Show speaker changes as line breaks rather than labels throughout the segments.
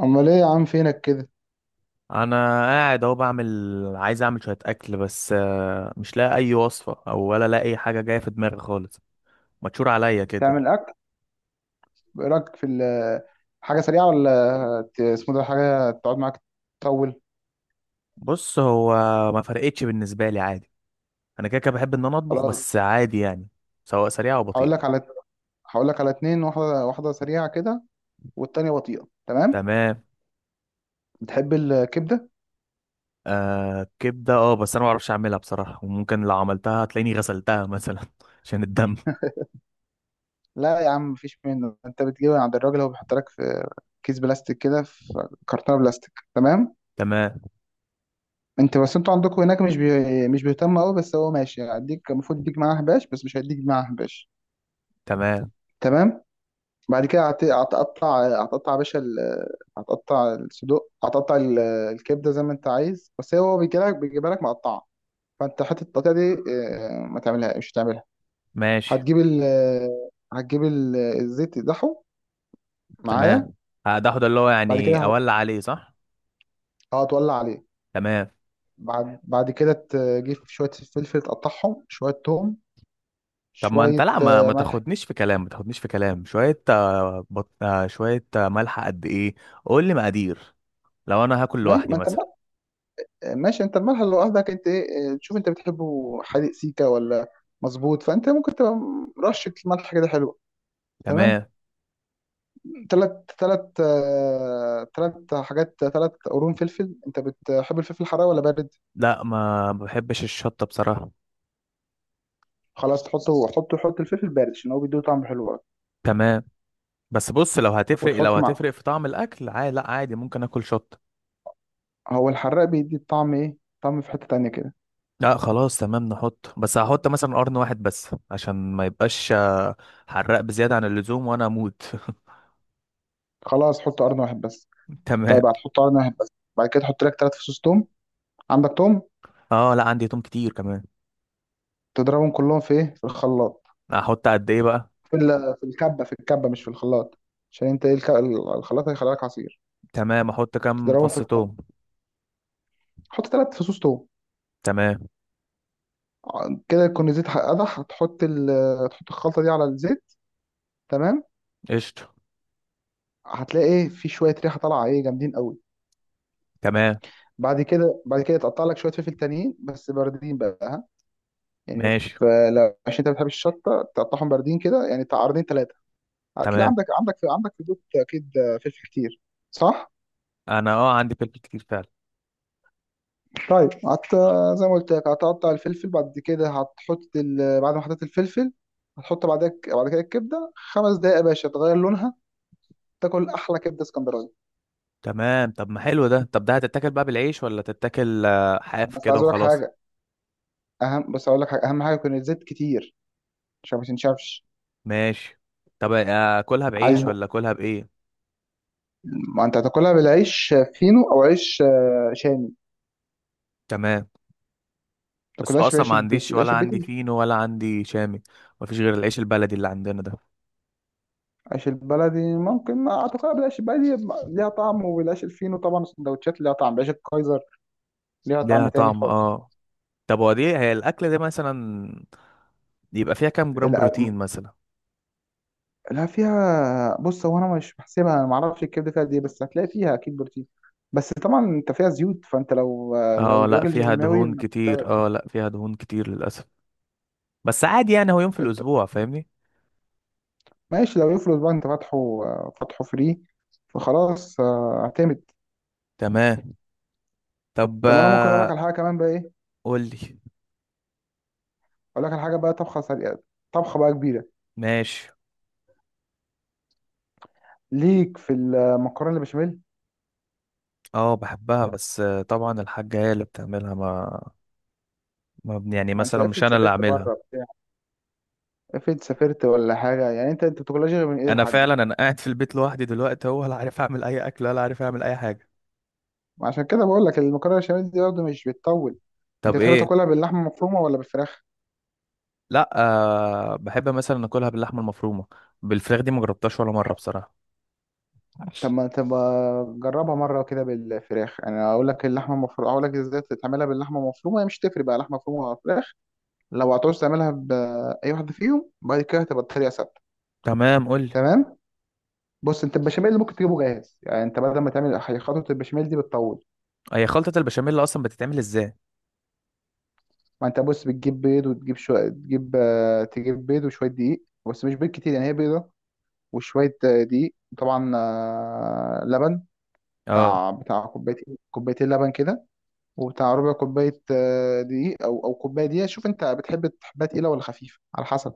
امال ايه يا عم فينك كده؟
انا قاعد اهو عايز اعمل شويه اكل بس مش لاقي اي وصفه ولا لاقي اي حاجه جايه في دماغي خالص. متشور عليا كده.
تعمل اكل. ايه رايك في حاجه سريعه ولا اسمه ده حاجه تقعد معاك، تطول؟
بص، هو ما فرقتش بالنسبه لي عادي. انا كده كده بحب ان انا اطبخ،
خلاص،
بس عادي يعني، سواء سريعه او
هقول
بطيئه.
لك على هقول لك على اتنين، واحده واحده سريعه كده، والتانيه بطيئه. تمام.
تمام.
بتحب الكبده؟
آه، كبده، اه، بس انا ما اعرفش اعملها بصراحه، وممكن لو عملتها هتلاقيني غسلتها مثلا عشان الدم.
لا يا عم، مفيش منه. انت بتجيبها عند الراجل، هو بيحط لك في كيس بلاستيك كده، في كرتونه بلاستيك. تمام.
تمام.
انت بس انتوا عندكم هناك مش بيهتم قوي، بس هو ماشي هيديك، المفروض يديك معاه حباش، بس مش هيديك معاه حباش.
تمام
تمام. بعد كده هتقطع يا باشا هتقطع الصدوق، الكبده زي ما انت عايز، بس هو بيجيلك، بيجيبها لك مقطعه، فانت حته التقطيع دي ما تعملها مش تعملها.
ماشي.
هتجيب ال الزيت تقدحه
تمام.
معايا.
ده هو ده اللي هو
بعد كده
يعني اولع عليه، صح؟
هتولع عليه.
تمام.
بعد كده تجيب شويه فلفل، تقطعهم، شويه توم،
طب ما انت،
شويه
لا، ما ما
ملح.
تاخدنيش في كلام، ما تاخدنيش في كلام، شوية آه، بط... آه، شوية ملح قد ايه؟ قول لي مقادير. لو انا هاكل
ما,
لوحدي
ما انت
مثلا.
ماشي، انت الملح اللي قصدك انت ايه، تشوف انت بتحبه حادق سيكا ولا مظبوط، فانت ممكن تبقى رشة ملح كده حلوة. تمام.
تمام.
3 حاجات، 3 قرون فلفل. انت بتحب الفلفل الحراق ولا بارد؟
لا، ما بحبش الشطة بصراحة.
خلاص، تحطه حطه حط الفلفل بارد عشان هو بيديه طعم حلو قوي.
تمام. بس بص، لو
وتحط معاه،
هتفرق في طعم الاكل عادي، لا، عادي ممكن اكل شطة.
هو الحراق بيدي الطعم ايه، طعم في حتة تانية كده.
لا خلاص تمام، نحط، بس هحط مثلا قرن واحد بس عشان ما يبقاش حراق بزيادة عن اللزوم وانا اموت.
خلاص، حط قرن واحد بس.
تمام.
طيب، هتحط قرن واحد بس. بعد كده تحط لك 3 فصوص توم. عندك توم؟
اه لا، عندي توم كتير كمان.
تضربهم كلهم في ايه، في الخلاط،
احط قد ايه بقى؟
في الكبه مش في الخلاط، عشان انت ايه الخلاط هيخلي لك عصير.
تمام، احط كام
تضربهم في
فص
الكبه،
توم؟
حط 3 فصوص توم.
تمام،
كده يكون الزيت قدح. هتحط الخلطه دي على الزيت، تمام.
قشطة.
هتلاقي ايه، في شويه ريحه طالعه ايه جامدين قوي.
تمام
بعد كده تقطع لك شويه فلفل تانيين بس باردين بقى، ها، يعني
ماشي.
فلو عشان انت ما بتحبش الشطه تقطعهم باردين كده، يعني بتاع قرنين ثلاثه. هتلاقي
تمام.
عندك في البيت اكيد فلفل كتير، صح؟
انا اه، عندي فلفل كتير فعلا.
طيب زي ما قلت لك هتقطع الفلفل، بعد كده بعد ما حطيت الفلفل هتحط بعد كده الكبده 5 دقايق يا باشا، تغير لونها، تاكل احلى كبده اسكندراني.
تمام. طب ما حلو ده، طب ده هتتاكل بقى بالعيش ولا تتاكل حاف
بس
كده
عايز اقول لك
وخلاص؟
حاجه اهم. بس اقول لك حاجه اهم حاجه يكون الزيت كتير عشان ما تنشفش.
ماشي. طب اكلها
عايز؟
بعيش ولا اكلها بايه؟
ما انت هتاكلها بالعيش فينو او عيش شامي، ما
تمام. بس هو
تاكلهاش
اصلا
بالعيش
ما
البيتي،
عنديش، ولا
العيش البيتي
عندي فينو ولا عندي شامي، مفيش غير العيش البلدي اللي عندنا ده.
العيش البلدي ممكن، ما هتاكلها بالعيش البلدي ليها طعم، وبالعيش الفينو طبعا السندوتشات ليها طعم، بعيش الكايزر ليها
ليها
طعم تاني
طعم،
خالص.
اه. طب، هو دي هي الاكله دي مثلا يبقى فيها كام جرام بروتين مثلا؟
لا فيها، بص، هو انا مش بحسبها، انا ما اعرفش الكبده فيها قد ايه، بس هتلاقي فيها اكيد بروتين. بس طبعا انت فيها زيوت، فانت لو
اه لا،
الراجل
فيها دهون
جيماوي.
كتير، اه لا، فيها دهون كتير للاسف، بس عادي يعني، هو يوم في
إنت-
الاسبوع، فاهمني.
ماشي، لو يفرض بقى انت فاتحه، فري، فخلاص اعتمد.
تمام. طب
طب انا ممكن اقول لك على حاجه كمان بقى، ايه؟
قول لي.
اقول لك على حاجه بقى طبخه سريعه، طبخه بقى كبيره.
ماشي.
ليك في المكرونه البشاميل.
اه، بحبها بس طبعا الحاجة هي اللي بتعملها، ما, ما بن- يعني
ما انت
مثلا مش
افرض
انا اللي
سافرت
اعملها.
بره بتاع، افرض سافرت ولا حاجه، يعني انت بتاكلهاش غير من ايد
انا
الحاج.
فعلا انا قاعد في البيت لوحدي دلوقتي، هو لا عارف اعمل اي اكل ولا عارف اعمل اي حاجة.
عشان كده بقول لك المكرونه البشاميل دي برضه مش بتطول. انت
طب
بتحب
ايه؟
تاكلها باللحمه المفرومه ولا بالفراخ؟
لا. أه، بحب مثلا اكلها باللحمة المفرومة، بالفراخ دي ما جربتهاش ولا مرة بصراحة.
طب ما جربها مره كده بالفراخ. انا اقول لك اللحمه المفرومه، اقول لك ازاي تعملها باللحمه المفرومه، هي مش تفرق بقى لحمه مفرومه ولا فراخ. لو هتعوز تعملها باي واحده فيهم، بعد كده هتبقى الطريقه ثابته.
تمام قول لي.
تمام. بص انت البشاميل اللي ممكن تجيبه جاهز، يعني انت بدل ما تعمل خطوه البشاميل دي بتطول.
هي خلطة البشاميل اصلا بتتعمل ازاي؟
ما انت بص بتجيب بيض وتجيب شويه تجيب آه، تجيب بيض وشويه دقيق، بس مش بيض كتير يعني، هي بيضه، وشوية دقيق طبعا، لبن.
اه.
بتاع كوبايتين كوبايتين لبن كده، وبتاع ربع كوباية دقيق، أو كوباية دقيقة. شوف أنت تحبها تقيلة ولا خفيفة، على حسب.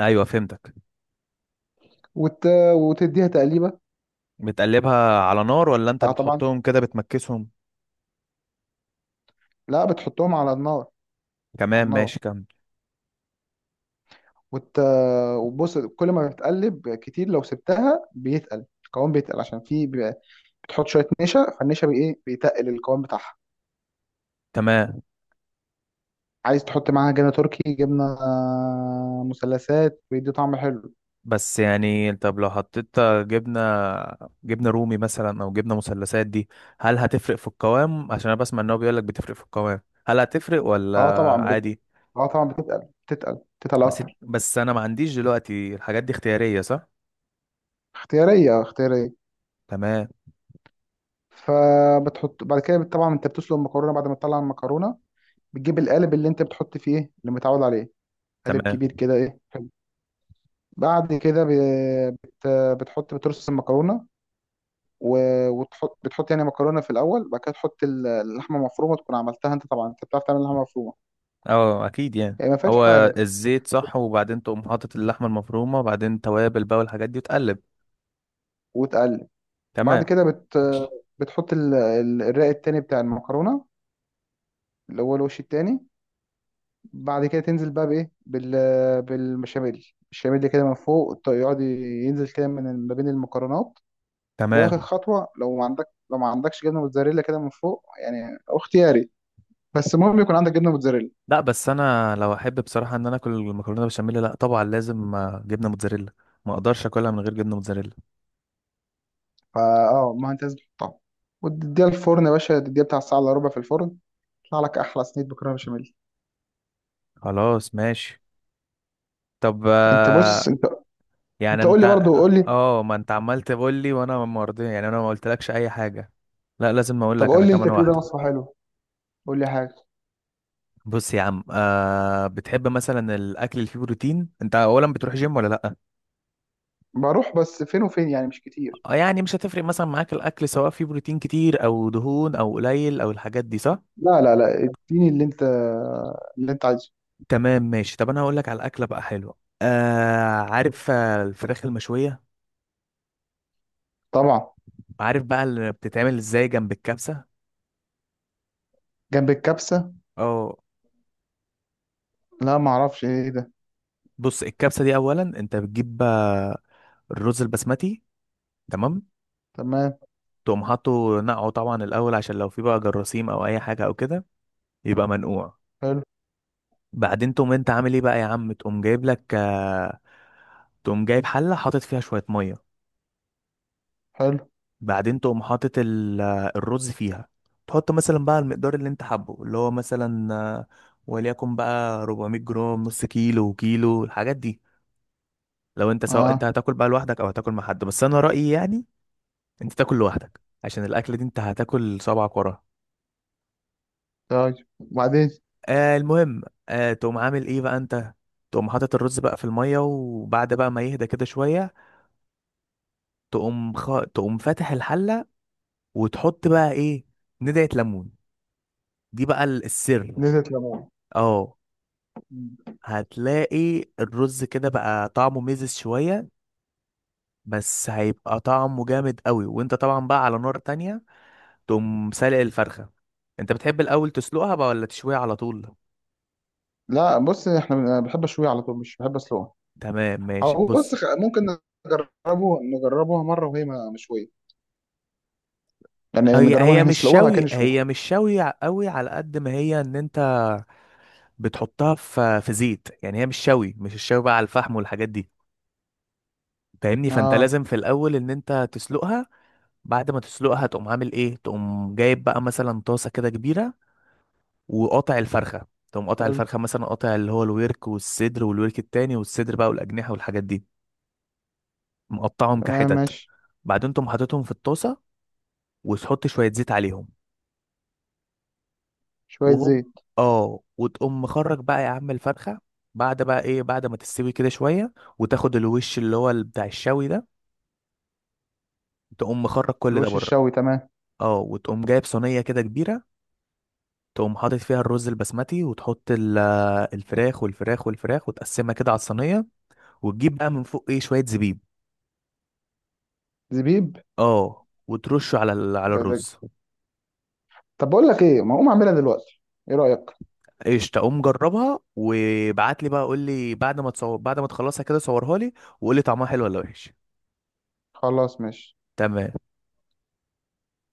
ايوه فهمتك.
وت... وتديها تقليبة.
بتقلبها على نار ولا انت
بتاع طبعا،
بتحطهم كده بتمكسهم؟
لا بتحطهم على النار، على
تمام ماشي،
النار.
كمل.
وت... وبص كل ما بتقلب كتير لو سبتها بيتقل القوام، بيتقل عشان في بتحط شوية نشا، فالنشا بإيه، بيتقل القوام بتاعها.
تمام.
عايز تحط معاها جبنة تركي، جبنة مثلثات، بيدي طعم حلو.
بس يعني، طب لو حطيت جبنة، جبنة رومي مثلا او جبنة مثلثات دي، هل هتفرق في القوام؟ عشان انا بسمع ان هو بيقول لك بتفرق في القوام. هل هتفرق ولا
اه طبعا بت...
عادي؟
اه طبعا بتتقل بتتقل بتتقل
بس
اكتر.
بس انا ما عنديش دلوقتي، الحاجات دي اختيارية صح؟
اختياريه اختياريه.
تمام.
فبتحط بعد كده، طبعا انت بتسلق المكرونه، بعد ما تطلع المكرونه بتجيب القالب اللي انت بتحط فيه، ايه اللي متعود عليه، قالب
تمام.
كبير كده ايه، حلو. بعد كده بت... بترص المكرونه، و... بتحط يعني مكرونه في الاول، بعد كده تحط اللحمه المفرومه تكون عملتها انت طبعا، انت بتعرف تعمل لحمه مفرومه،
اه اكيد يعني.
يعني ما فيهاش
هو
حاجه،
الزيت، صح؟ وبعدين تقوم حاطط اللحمة المفرومة، وبعدين توابل بقى والحاجات دي، وتقلب.
وتقلب.
تمام.
بعد كده الرق التاني بتاع المكرونه، اللي هو الوش التاني. بعد كده تنزل بقى بايه، بالبشاميل. البشاميل كده من فوق، يقعد ينزل كده من ما بين المكرونات. واخر
تمام.
خطوه، لو ما عندك لو ما عندكش جبنه موتزاريلا كده من فوق، يعني أو اختياري، بس المهم يكون عندك جبنه موتزاريلا.
لا، بس انا لو احب بصراحة ان انا اكل المكرونة بشاميل، لا طبعا لازم جبنة موتزاريلا، ما اقدرش اكلها من غير جبنه موتزاريلا.
فا اه ما انت لازم تحطها، وتديها الفرن يا باشا، بتاع ساعه الا ربع في الفرن، يطلع لك احلى صينيه مكرونه بشاميل.
خلاص ماشي. طب
انت،
يعني
انت قول
انت.
لي برضه، قول لي.
اه ما انت عمال تقول لي وانا ما رضي يعني، انا ما قلتلكش اي حاجه، لا لازم اقول
طب
لك انا
قول لي انت
كمان
كده
واحده.
وصفه حلوه، قول لي حاجه.
بص يا عم، بتحب مثلا الاكل اللي فيه بروتين؟ انت اولا بتروح جيم ولا لا؟
بروح بس فين وفين، يعني مش كتير.
يعني مش هتفرق مثلا معاك الاكل سواء فيه بروتين كتير او دهون او قليل او الحاجات دي، صح؟
لا لا لا، اديني اللي انت عايزه.
تمام ماشي. طب انا هقول لك على الاكله بقى حلوه. آه، عارف الفراخ المشويه؟
طبعا.
عارف بقى اللي بتتعمل ازاي جنب الكبسه؟
جنب الكبسة؟
اه.
لا، ما اعرفش ايه ده.
بص، الكبسة دي أولا أنت بتجيب الرز البسمتي. تمام.
تمام.
تقوم حاطه نقعه طبعا الأول عشان لو في بقى جراثيم أو أي حاجة أو كده، يبقى منقوع.
حلو.
بعدين تقوم أنت عامل إيه بقى يا عم، تقوم جايب حلة حاطط فيها شوية مية.
حلو.
بعدين تقوم حاطط الرز فيها. تحط مثلا بقى المقدار اللي أنت حابه، اللي هو مثلا وليكن بقى 400 جرام، نص كيلو، كيلو، الحاجات دي. لو أنت سواء أنت
اه.
هتاكل بقى لوحدك أو هتاكل مع حد، بس أنا رأيي يعني انت تاكل لوحدك عشان الاكله دي انت هتاكل صبعك وراها.
طيب، وبعدين؟
آه المهم، تقوم عامل ايه بقى انت. تقوم حاطط الرز بقى في الميه، وبعد بقى ما يهدى كده شويه، تقوم تقوم فاتح الحله وتحط بقى ايه، ندعه ليمون، دي بقى السر.
نزلت ليمون؟
اه، هتلاقي الرز كده بقى طعمه ميزز شويه، بس هيبقى طعمه جامد قوي، وانت طبعا بقى على نار تانية تقوم سالق الفرخه. انت بتحب الاول تسلقها بقى ولا تشويها على طول؟
لا بص احنا بحب اشويه على طول، مش بحب اسلقها.
تمام ماشي،
او بص
بص،
ممكن نجربوها مرة وهي مشوية، يعني
هي
نجربوها ان
هي
احنا
مش
نسلقوها بعد
شوي،
كده نشوها.
هي مش شوي قوي، على قد ما هي ان انت بتحطها في زيت، يعني هي مش شوي، مش الشوي بقى على الفحم والحاجات دي، فاهمني؟ فانت
اه.
لازم في الاول ان انت تسلقها. بعد ما تسلقها تقوم عامل ايه، تقوم جايب بقى مثلا طاسه كده كبيره، وقاطع الفرخه، تقوم قاطع
حلو.
الفرخه مثلا، قاطع اللي هو الورك والصدر والورك التاني والصدر بقى والاجنحه والحاجات دي، مقطعهم
تمام
كحتت.
ماشي.
بعدين تقوم حاططهم في الطاسه وتحط شويه زيت عليهم.
شوية
وهوب،
زيت.
اه، وتقوم مخرج بقى يا عم الفرخة، بعد بقى ايه بعد ما تستوي كده شوية، وتاخد الوش اللي هو بتاع الشوي ده، تقوم مخرج كل ده
الوش
بره.
الشوي، تمام.
اه، وتقوم جايب صينية كده كبيرة، تقوم حاطط فيها الرز البسمتي، وتحط الفراخ والفراخ والفراخ وتقسمها كده على الصينية. وتجيب بقى من فوق ايه، شوية زبيب.
زبيب.
اه، وترشه على
ده.
الرز.
طب بقول لك ايه، ما اقوم اعملها دلوقتي، ايه رأيك؟
ايش، تقوم جربها وابعت لي بقى، قول لي بعد ما تصور، بعد ما تخلصها كده صورها لي، وقول لي طعمها حلو ولا وحش.
خلاص ماشي.
تمام.